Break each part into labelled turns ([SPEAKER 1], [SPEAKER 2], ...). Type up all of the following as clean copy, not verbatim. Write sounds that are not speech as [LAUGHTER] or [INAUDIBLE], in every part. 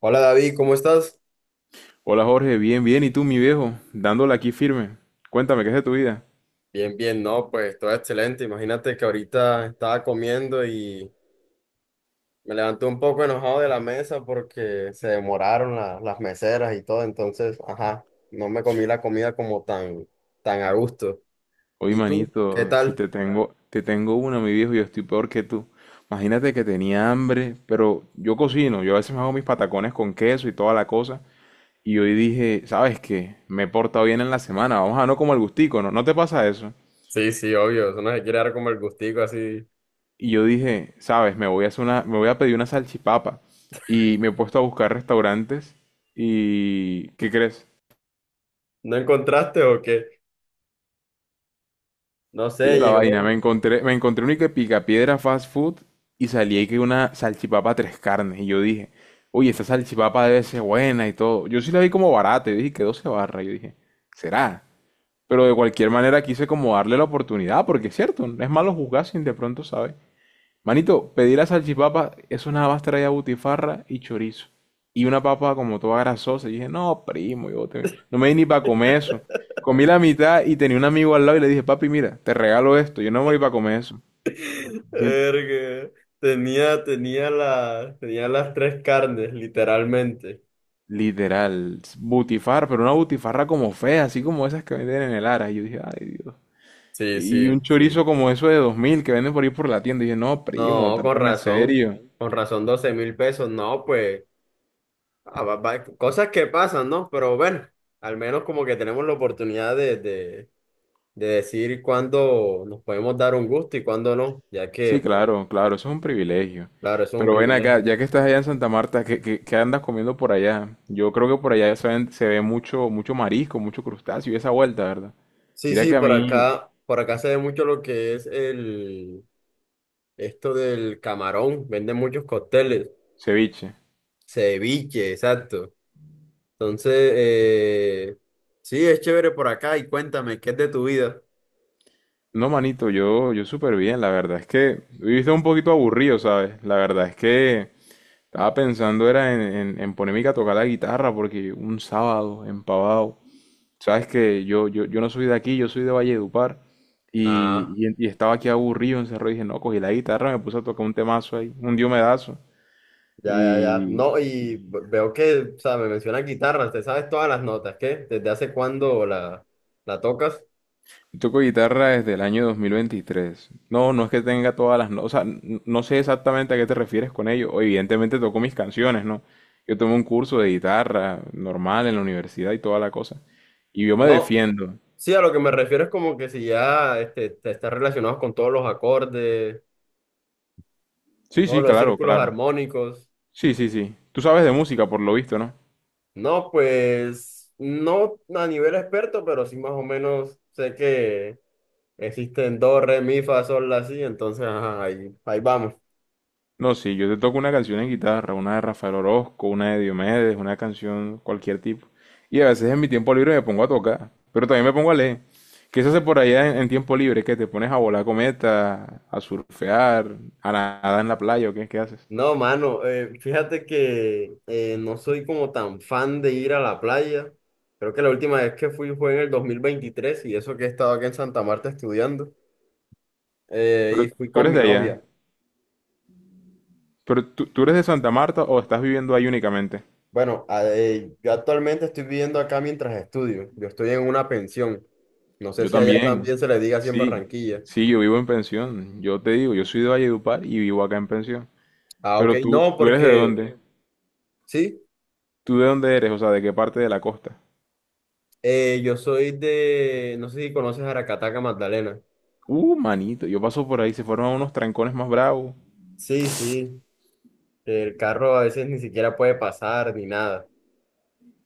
[SPEAKER 1] Hola David, ¿cómo estás?
[SPEAKER 2] Hola Jorge, bien, bien. ¿Y tú, mi viejo? Dándole aquí firme. Cuéntame, ¿qué es de tu vida?
[SPEAKER 1] Bien, bien, no, pues todo excelente. Imagínate que ahorita estaba comiendo y me levanté un poco enojado de la mesa porque se demoraron las meseras y todo, entonces, ajá, no me comí la comida como tan, tan a gusto.
[SPEAKER 2] Oye,
[SPEAKER 1] ¿Y tú? ¿Qué
[SPEAKER 2] manito, si
[SPEAKER 1] tal?
[SPEAKER 2] te tengo una, mi viejo, yo estoy peor que tú. Imagínate que tenía hambre, pero yo cocino, yo a veces me hago mis patacones con queso y toda la cosa. Y hoy dije, ¿sabes qué? Me he portado bien en la semana, vamos a no como el gustico, ¿no? ¿No te pasa eso?
[SPEAKER 1] Sí, sí, obvio, eso no se quiere dar como el gustico así.
[SPEAKER 2] Y yo dije, ¿sabes? Me voy a pedir una salchipapa. Y me he puesto a buscar restaurantes. ¿Y qué crees?
[SPEAKER 1] ¿No encontraste o qué? No
[SPEAKER 2] Pilla
[SPEAKER 1] sé,
[SPEAKER 2] la vaina,
[SPEAKER 1] llegó.
[SPEAKER 2] me encontré un que picapiedra fast food y salí ahí que una salchipapa tres carnes. Y yo dije, oye, esta salchipapa debe ser buena y todo. Yo sí la vi como barata, y dije que 12 barras. Yo dije, será. Pero de cualquier manera quise como darle la oportunidad, porque es cierto, no es malo juzgar sin de pronto, ¿sabes? Manito, pedí la salchipapa, eso nada más traía butifarra y chorizo. Y una papa como toda grasosa. Y dije, no, primo, no me di ni para comer eso. Comí la mitad y tenía un amigo al lado y le dije, papi, mira, te regalo esto, yo no me voy para comer eso.
[SPEAKER 1] [LAUGHS]
[SPEAKER 2] Sien-
[SPEAKER 1] Verga. Tenía las tres carnes, literalmente.
[SPEAKER 2] Literal, butifarra, pero una butifarra como fea, así como esas que venden en el Ara. Y yo dije, ay Dios.
[SPEAKER 1] Sí,
[SPEAKER 2] Y un
[SPEAKER 1] sí, sí.
[SPEAKER 2] chorizo como eso de 2.000 que venden por ahí por la tienda. Y dije, no, primo,
[SPEAKER 1] No,
[SPEAKER 2] trátame serio.
[SPEAKER 1] con razón 12.000 pesos, no, pues, ah, cosas que pasan, ¿no? Pero bueno, al menos como que tenemos la oportunidad de decir cuándo nos podemos dar un gusto y cuándo no, ya que,
[SPEAKER 2] Sí,
[SPEAKER 1] pues,
[SPEAKER 2] claro, claro, eso es un privilegio.
[SPEAKER 1] claro, eso es un
[SPEAKER 2] Pero ven acá,
[SPEAKER 1] privilegio.
[SPEAKER 2] ya que estás allá en Santa Marta, ¿qué andas comiendo por allá? Yo creo que por allá se ve mucho, mucho marisco, mucho crustáceo y esa vuelta, ¿verdad?
[SPEAKER 1] Sí,
[SPEAKER 2] Mira
[SPEAKER 1] sí,
[SPEAKER 2] que a
[SPEAKER 1] por
[SPEAKER 2] mí,
[SPEAKER 1] acá, por acá se ve mucho lo que es esto del camarón, venden muchos cócteles,
[SPEAKER 2] ceviche.
[SPEAKER 1] ceviche, exacto. Entonces, sí, es chévere por acá y cuéntame, ¿qué es de tu vida?
[SPEAKER 2] No, manito, yo súper bien, la verdad es que viviste un poquito aburrido, ¿sabes? La verdad es que estaba pensando era en ponerme a tocar la guitarra porque un sábado, empavado, sabes que yo no soy de aquí, yo soy de Valledupar
[SPEAKER 1] Ah.
[SPEAKER 2] y, y estaba aquí aburrido, encerrado y dije, no, cogí la guitarra, me puse a tocar un temazo ahí, un diomedazo.
[SPEAKER 1] Ya, ya, ya. No, y
[SPEAKER 2] Y,
[SPEAKER 1] veo que, o sea, me mencionas guitarra, te sabes todas las notas, ¿qué? ¿Desde hace cuándo la tocas?
[SPEAKER 2] y toco guitarra desde el año 2023. No, no es que tenga todas las notas, o sea, no sé exactamente a qué te refieres con ello. O Evidentemente toco mis canciones, ¿no? Yo tomé un curso de guitarra normal en la universidad y toda la cosa. Y yo me
[SPEAKER 1] No,
[SPEAKER 2] defiendo.
[SPEAKER 1] sí, a lo que me refiero es como que si ya te estás relacionado con todos los acordes,
[SPEAKER 2] Sí,
[SPEAKER 1] todos
[SPEAKER 2] sí,
[SPEAKER 1] los
[SPEAKER 2] claro,
[SPEAKER 1] círculos
[SPEAKER 2] claro.
[SPEAKER 1] armónicos.
[SPEAKER 2] Sí, sí, sí. Tú sabes de música, por lo visto, ¿no?
[SPEAKER 1] No, pues, no a nivel experto, pero sí más o menos sé que existen do, re, mi, fa, sol, la, si, entonces, ajá, ahí, ahí vamos.
[SPEAKER 2] No, sí, yo te toco una canción en guitarra, una de Rafael Orozco, una de Diomedes, una canción cualquier tipo. Y a veces en mi tiempo libre me pongo a tocar, pero también me pongo a leer. ¿Qué se hace por allá en tiempo libre? ¿Que te pones a volar cometas, a surfear, a nadar en la playa o qué, qué haces?
[SPEAKER 1] No, mano, fíjate que no soy como tan fan de ir a la playa. Creo que la última vez que fui fue en el 2023 y eso que he estado aquí en Santa Marta estudiando. eh,
[SPEAKER 2] Pero
[SPEAKER 1] y fui
[SPEAKER 2] tú
[SPEAKER 1] con
[SPEAKER 2] eres
[SPEAKER 1] mi
[SPEAKER 2] de allá.
[SPEAKER 1] novia.
[SPEAKER 2] ¿Pero tú eres de Santa Marta o estás viviendo ahí únicamente?
[SPEAKER 1] Bueno, yo actualmente estoy viviendo acá mientras estudio. Yo estoy en una pensión. No sé
[SPEAKER 2] Yo
[SPEAKER 1] si allá
[SPEAKER 2] también.
[SPEAKER 1] también se le diga así en
[SPEAKER 2] Sí,
[SPEAKER 1] Barranquilla.
[SPEAKER 2] sí, yo vivo en pensión. Yo te digo, yo soy de Valledupar y vivo acá en pensión.
[SPEAKER 1] Ah, ok.
[SPEAKER 2] Pero tú,
[SPEAKER 1] No,
[SPEAKER 2] ¿tú eres de
[SPEAKER 1] porque
[SPEAKER 2] dónde?
[SPEAKER 1] sí,
[SPEAKER 2] ¿Tú de dónde eres? O sea, ¿de qué parte de la costa?
[SPEAKER 1] yo soy de, no sé si conoces Aracataca, Magdalena.
[SPEAKER 2] Manito, yo paso por ahí, se forman unos trancones más bravos.
[SPEAKER 1] Sí, sí. El carro a veces ni siquiera puede pasar ni nada.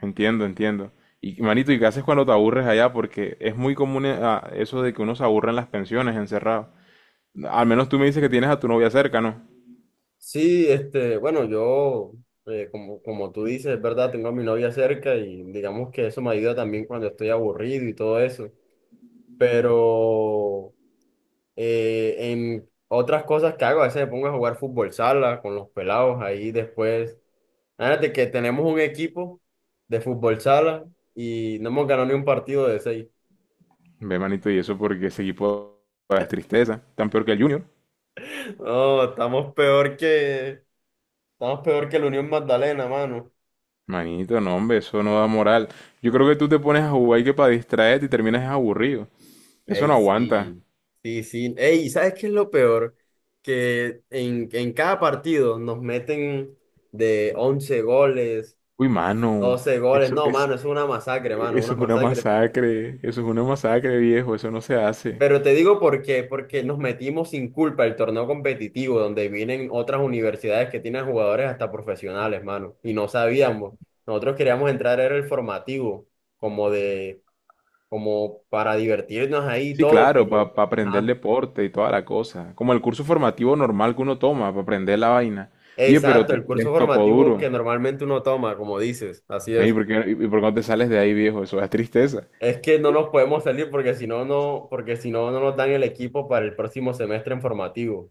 [SPEAKER 2] Entiendo, entiendo. Y manito, ¿y qué haces cuando te aburres allá? Porque es muy común eso de que uno se aburre en las pensiones, encerrado. Al menos tú me dices que tienes a tu novia cerca, ¿no?
[SPEAKER 1] Sí, bueno, como, como tú dices, es verdad, tengo a mi novia cerca y digamos que eso me ayuda también cuando estoy aburrido y todo eso. Pero en otras cosas que hago, a veces me pongo a jugar fútbol sala con los pelados ahí después. Fíjate que tenemos un equipo de fútbol sala y no hemos ganado ni un partido de seis.
[SPEAKER 2] Ve, manito, y eso porque ese equipo es tristeza, tan peor que el Junior.
[SPEAKER 1] [LAUGHS] No, estamos peor que la Unión Magdalena, mano.
[SPEAKER 2] Manito, no, hombre, eso no da moral. Yo creo que tú te pones a jugar y que para distraerte y terminas es aburrido. Eso no
[SPEAKER 1] Ey,
[SPEAKER 2] aguanta.
[SPEAKER 1] sí, sí, sí. Ey, ¿sabes qué es lo peor? Que en cada partido nos meten de 11 goles,
[SPEAKER 2] Uy, mano,
[SPEAKER 1] 12 goles.
[SPEAKER 2] eso,
[SPEAKER 1] No, mano, es una masacre, mano, una
[SPEAKER 2] eso es una
[SPEAKER 1] masacre.
[SPEAKER 2] masacre, eso es una masacre, viejo, eso no se hace.
[SPEAKER 1] Pero te digo por qué, porque nos metimos sin culpa el torneo competitivo, donde vienen otras universidades que tienen jugadores hasta profesionales, mano, y no sabíamos. Nosotros queríamos entrar, era el formativo, como de, como para divertirnos ahí y
[SPEAKER 2] Sí,
[SPEAKER 1] todo,
[SPEAKER 2] claro, para
[SPEAKER 1] pero...
[SPEAKER 2] aprender
[SPEAKER 1] Ajá.
[SPEAKER 2] deporte y toda la cosa. Como el curso formativo normal que uno toma para aprender la vaina. Oye, pero
[SPEAKER 1] Exacto, el curso
[SPEAKER 2] les tocó
[SPEAKER 1] formativo que
[SPEAKER 2] duro.
[SPEAKER 1] normalmente uno toma, como dices, así
[SPEAKER 2] Ven, ¿y
[SPEAKER 1] es.
[SPEAKER 2] y por qué no te sales de ahí, viejo? Eso es tristeza.
[SPEAKER 1] Es que no nos podemos salir porque porque si no, no nos dan el equipo para el próximo semestre en formativo.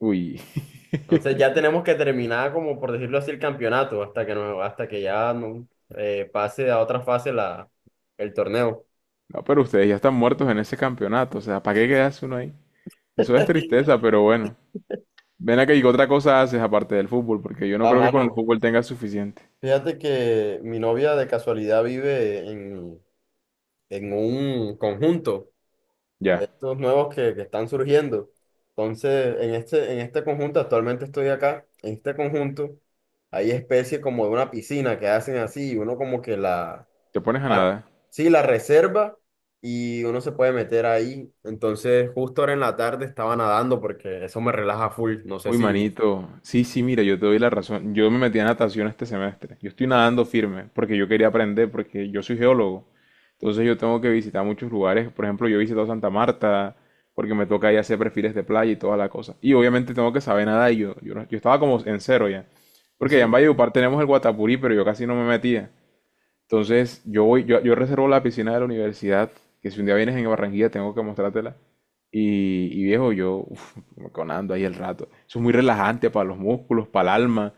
[SPEAKER 2] Uy, [LAUGHS]
[SPEAKER 1] Entonces ya tenemos que terminar, como por decirlo así, el campeonato hasta que ya no, pase a otra fase el torneo.
[SPEAKER 2] no, pero ustedes ya están muertos en ese campeonato. O sea, ¿para qué quedas uno ahí? Eso es
[SPEAKER 1] [LAUGHS]
[SPEAKER 2] tristeza, pero bueno. Ven acá y qué otra cosa haces aparte del fútbol, porque yo no
[SPEAKER 1] A
[SPEAKER 2] creo que con el
[SPEAKER 1] mano,
[SPEAKER 2] fútbol tengas suficiente.
[SPEAKER 1] fíjate que mi novia de casualidad vive en un conjunto. De
[SPEAKER 2] Ya,
[SPEAKER 1] estos nuevos que están surgiendo. Entonces, en este conjunto, actualmente estoy acá, en este conjunto hay especies como de una piscina que hacen así, y uno como que
[SPEAKER 2] te pones a
[SPEAKER 1] la-
[SPEAKER 2] nada.
[SPEAKER 1] sí, la reserva y uno se puede meter ahí. Entonces, justo ahora en la tarde estaba nadando porque eso me relaja full, no sé
[SPEAKER 2] Uy,
[SPEAKER 1] si...
[SPEAKER 2] manito. Sí, sí, mira, yo te doy la razón. Yo me metí a natación este semestre. Yo estoy nadando firme porque yo quería aprender, porque yo soy geólogo. Entonces yo tengo que visitar muchos lugares. Por ejemplo, yo he visitado Santa Marta porque me toca ahí hacer perfiles de playa y toda la cosa. Y obviamente tengo que saber nadar y yo, no- yo estaba como en cero ya. Porque allá en
[SPEAKER 1] Sí,
[SPEAKER 2] Valledupar tenemos el Guatapurí, pero yo casi no me metía. Entonces, yo voy, yo reservo la piscina de la universidad, que si un día vienes en Barranquilla tengo que mostrártela. Y viejo, yo uf, me conando ahí el rato. Eso es muy relajante para los músculos, para el alma.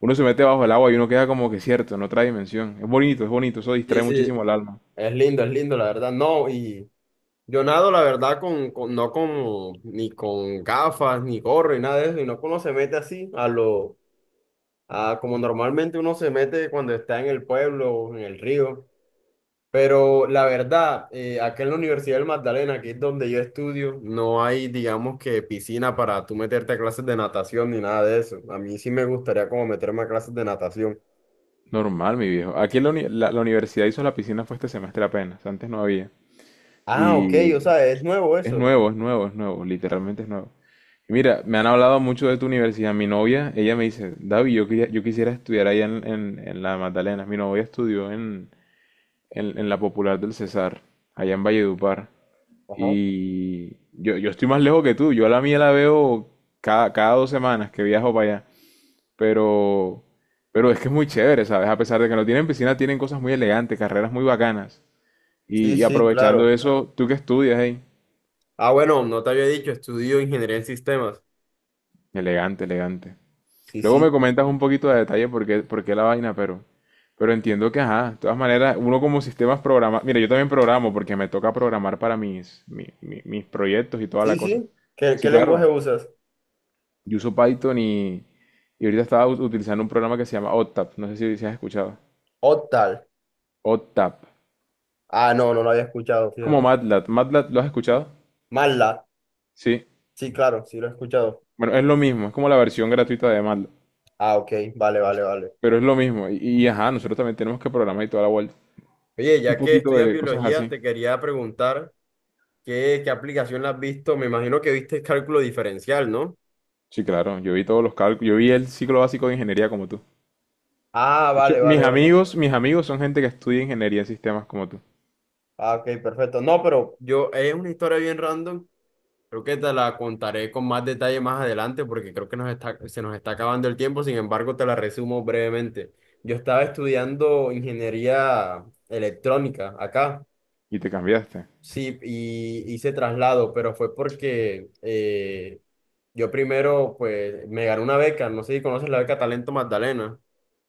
[SPEAKER 2] Uno se mete bajo el agua y uno queda como que cierto, en otra dimensión. Es bonito, eso
[SPEAKER 1] sí,
[SPEAKER 2] distrae
[SPEAKER 1] sí.
[SPEAKER 2] muchísimo el alma.
[SPEAKER 1] Es lindo, la verdad. No, y yo nado, la verdad, no con ni con gafas, ni gorro, y nada de eso, y no uno se mete así a lo, ah, como normalmente uno se mete cuando está en el pueblo o en el río. Pero la verdad, acá en la Universidad del Magdalena, que es donde yo estudio, no hay, digamos que, piscina para tú meterte a clases de natación ni nada de eso. A mí sí me gustaría como meterme a clases de natación.
[SPEAKER 2] Normal, mi viejo. Aquí en la universidad hizo la piscina fue este semestre apenas, antes no había.
[SPEAKER 1] Ah, ok,
[SPEAKER 2] Y
[SPEAKER 1] o sea, es nuevo
[SPEAKER 2] Es
[SPEAKER 1] eso.
[SPEAKER 2] nuevo, es nuevo, es nuevo, literalmente es nuevo. Y mira, me han hablado mucho de tu universidad. Mi novia, ella me dice, David, yo quisiera estudiar allá en, en la Magdalena. Mi novia estudió en, en la Popular del Cesar, allá en Valledupar.
[SPEAKER 1] Ajá.
[SPEAKER 2] Y yo estoy más lejos que tú. Yo a la mía la veo cada 2 semanas que viajo para allá. Pero, pero es que es muy chévere, ¿sabes? A pesar de que no tienen piscina, tienen cosas muy elegantes, carreras muy bacanas. Y,
[SPEAKER 1] Sí,
[SPEAKER 2] y
[SPEAKER 1] sí,
[SPEAKER 2] aprovechando
[SPEAKER 1] claro.
[SPEAKER 2] eso, ¿tú qué estudias ahí?
[SPEAKER 1] Ah, bueno, no te había dicho, estudio ingeniería en sistemas.
[SPEAKER 2] Elegante, elegante.
[SPEAKER 1] Sí,
[SPEAKER 2] Luego me
[SPEAKER 1] sí.
[SPEAKER 2] comentas un poquito de detalle por qué la vaina, pero entiendo que, ajá, de todas maneras, uno como sistemas programa, mira, yo también programo porque me toca programar para mis proyectos y toda la
[SPEAKER 1] Sí,
[SPEAKER 2] cosa.
[SPEAKER 1] sí. ¿Qué,
[SPEAKER 2] Sí,
[SPEAKER 1] qué
[SPEAKER 2] claro,
[SPEAKER 1] lenguaje usas?
[SPEAKER 2] yo uso Python y ahorita estaba utilizando un programa que se llama OTAP, no sé si, si has escuchado.
[SPEAKER 1] Octal.
[SPEAKER 2] OTAP, es
[SPEAKER 1] Ah, no, no lo había escuchado,
[SPEAKER 2] como
[SPEAKER 1] fíjate.
[SPEAKER 2] MATLAB, ¿MATLAB lo has escuchado?
[SPEAKER 1] MATLAB.
[SPEAKER 2] Sí,
[SPEAKER 1] Sí, claro, sí lo he escuchado.
[SPEAKER 2] bueno, es lo mismo, es como la versión gratuita de MATLAB,
[SPEAKER 1] Ah, ok, vale, vale, vale.
[SPEAKER 2] pero es lo mismo, y ajá, nosotros también tenemos que programar y toda la vuelta.
[SPEAKER 1] Oye,
[SPEAKER 2] Un
[SPEAKER 1] ya que
[SPEAKER 2] poquito
[SPEAKER 1] estudias
[SPEAKER 2] de cosas
[SPEAKER 1] biología,
[SPEAKER 2] así.
[SPEAKER 1] te quería preguntar qué aplicación la has visto. Me imagino que viste el cálculo diferencial, ¿no?
[SPEAKER 2] Sí, claro, yo vi todos los cálculos, yo vi el ciclo básico de ingeniería como tú.
[SPEAKER 1] Ah,
[SPEAKER 2] De hecho,
[SPEAKER 1] vale, vale, vale.
[SPEAKER 2] mis amigos son gente que estudia ingeniería en sistemas como tú.
[SPEAKER 1] Ah, ok, perfecto. No, pero yo, es una historia bien random. Creo que te la contaré con más detalle más adelante porque creo que se nos está acabando el tiempo. Sin embargo, te la resumo brevemente. Yo estaba estudiando ingeniería electrónica acá.
[SPEAKER 2] Y te cambiaste.
[SPEAKER 1] Sí, y hice traslado, pero fue porque yo primero, pues, me gané una beca, no sé si conoces la beca Talento Magdalena.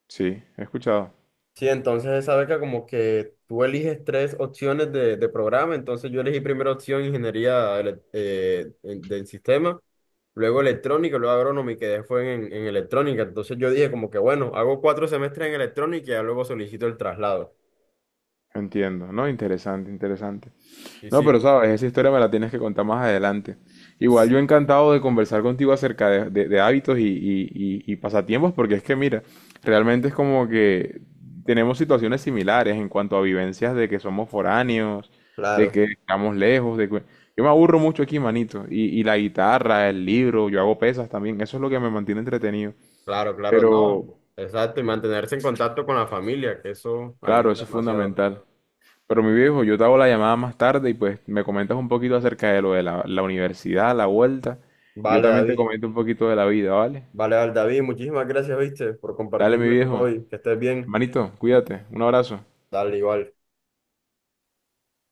[SPEAKER 2] Sí, he escuchado.
[SPEAKER 1] Sí, entonces esa beca como que tú eliges tres opciones de programa, entonces yo elegí primera opción ingeniería del sistema, luego electrónica, luego agrónoma y quedé fue en electrónica, entonces yo dije como que bueno, hago 4 semestres en electrónica y ya luego solicito el traslado.
[SPEAKER 2] Entiendo, ¿no? Interesante, interesante.
[SPEAKER 1] Y
[SPEAKER 2] No,
[SPEAKER 1] sí,
[SPEAKER 2] pero sabes, esa historia me la tienes que contar más adelante. Igual yo
[SPEAKER 1] sí,
[SPEAKER 2] encantado de conversar contigo acerca de, de hábitos y, y pasatiempos, porque es que mira, realmente es como que tenemos situaciones similares en cuanto a vivencias de que somos foráneos, de
[SPEAKER 1] claro.
[SPEAKER 2] que estamos lejos, de que... Yo me aburro mucho aquí, manito, y la guitarra, el libro, yo hago pesas también, eso es lo que me mantiene entretenido.
[SPEAKER 1] Claro, claro, no.
[SPEAKER 2] Pero
[SPEAKER 1] Exacto, y mantenerse en contacto con la familia, que eso
[SPEAKER 2] claro,
[SPEAKER 1] ayuda
[SPEAKER 2] eso es
[SPEAKER 1] demasiado.
[SPEAKER 2] fundamental. Pero mi viejo, yo te hago la llamada más tarde y pues me comentas un poquito acerca de lo de la universidad, la vuelta, y yo
[SPEAKER 1] Vale,
[SPEAKER 2] también te
[SPEAKER 1] David.
[SPEAKER 2] comento un poquito de la vida, ¿vale?
[SPEAKER 1] Vale, vale, David, muchísimas gracias, viste, por
[SPEAKER 2] Dale, mi
[SPEAKER 1] compartirme tu
[SPEAKER 2] viejo.
[SPEAKER 1] hobby. Que estés bien.
[SPEAKER 2] Manito, cuídate. Un abrazo.
[SPEAKER 1] Dale, igual.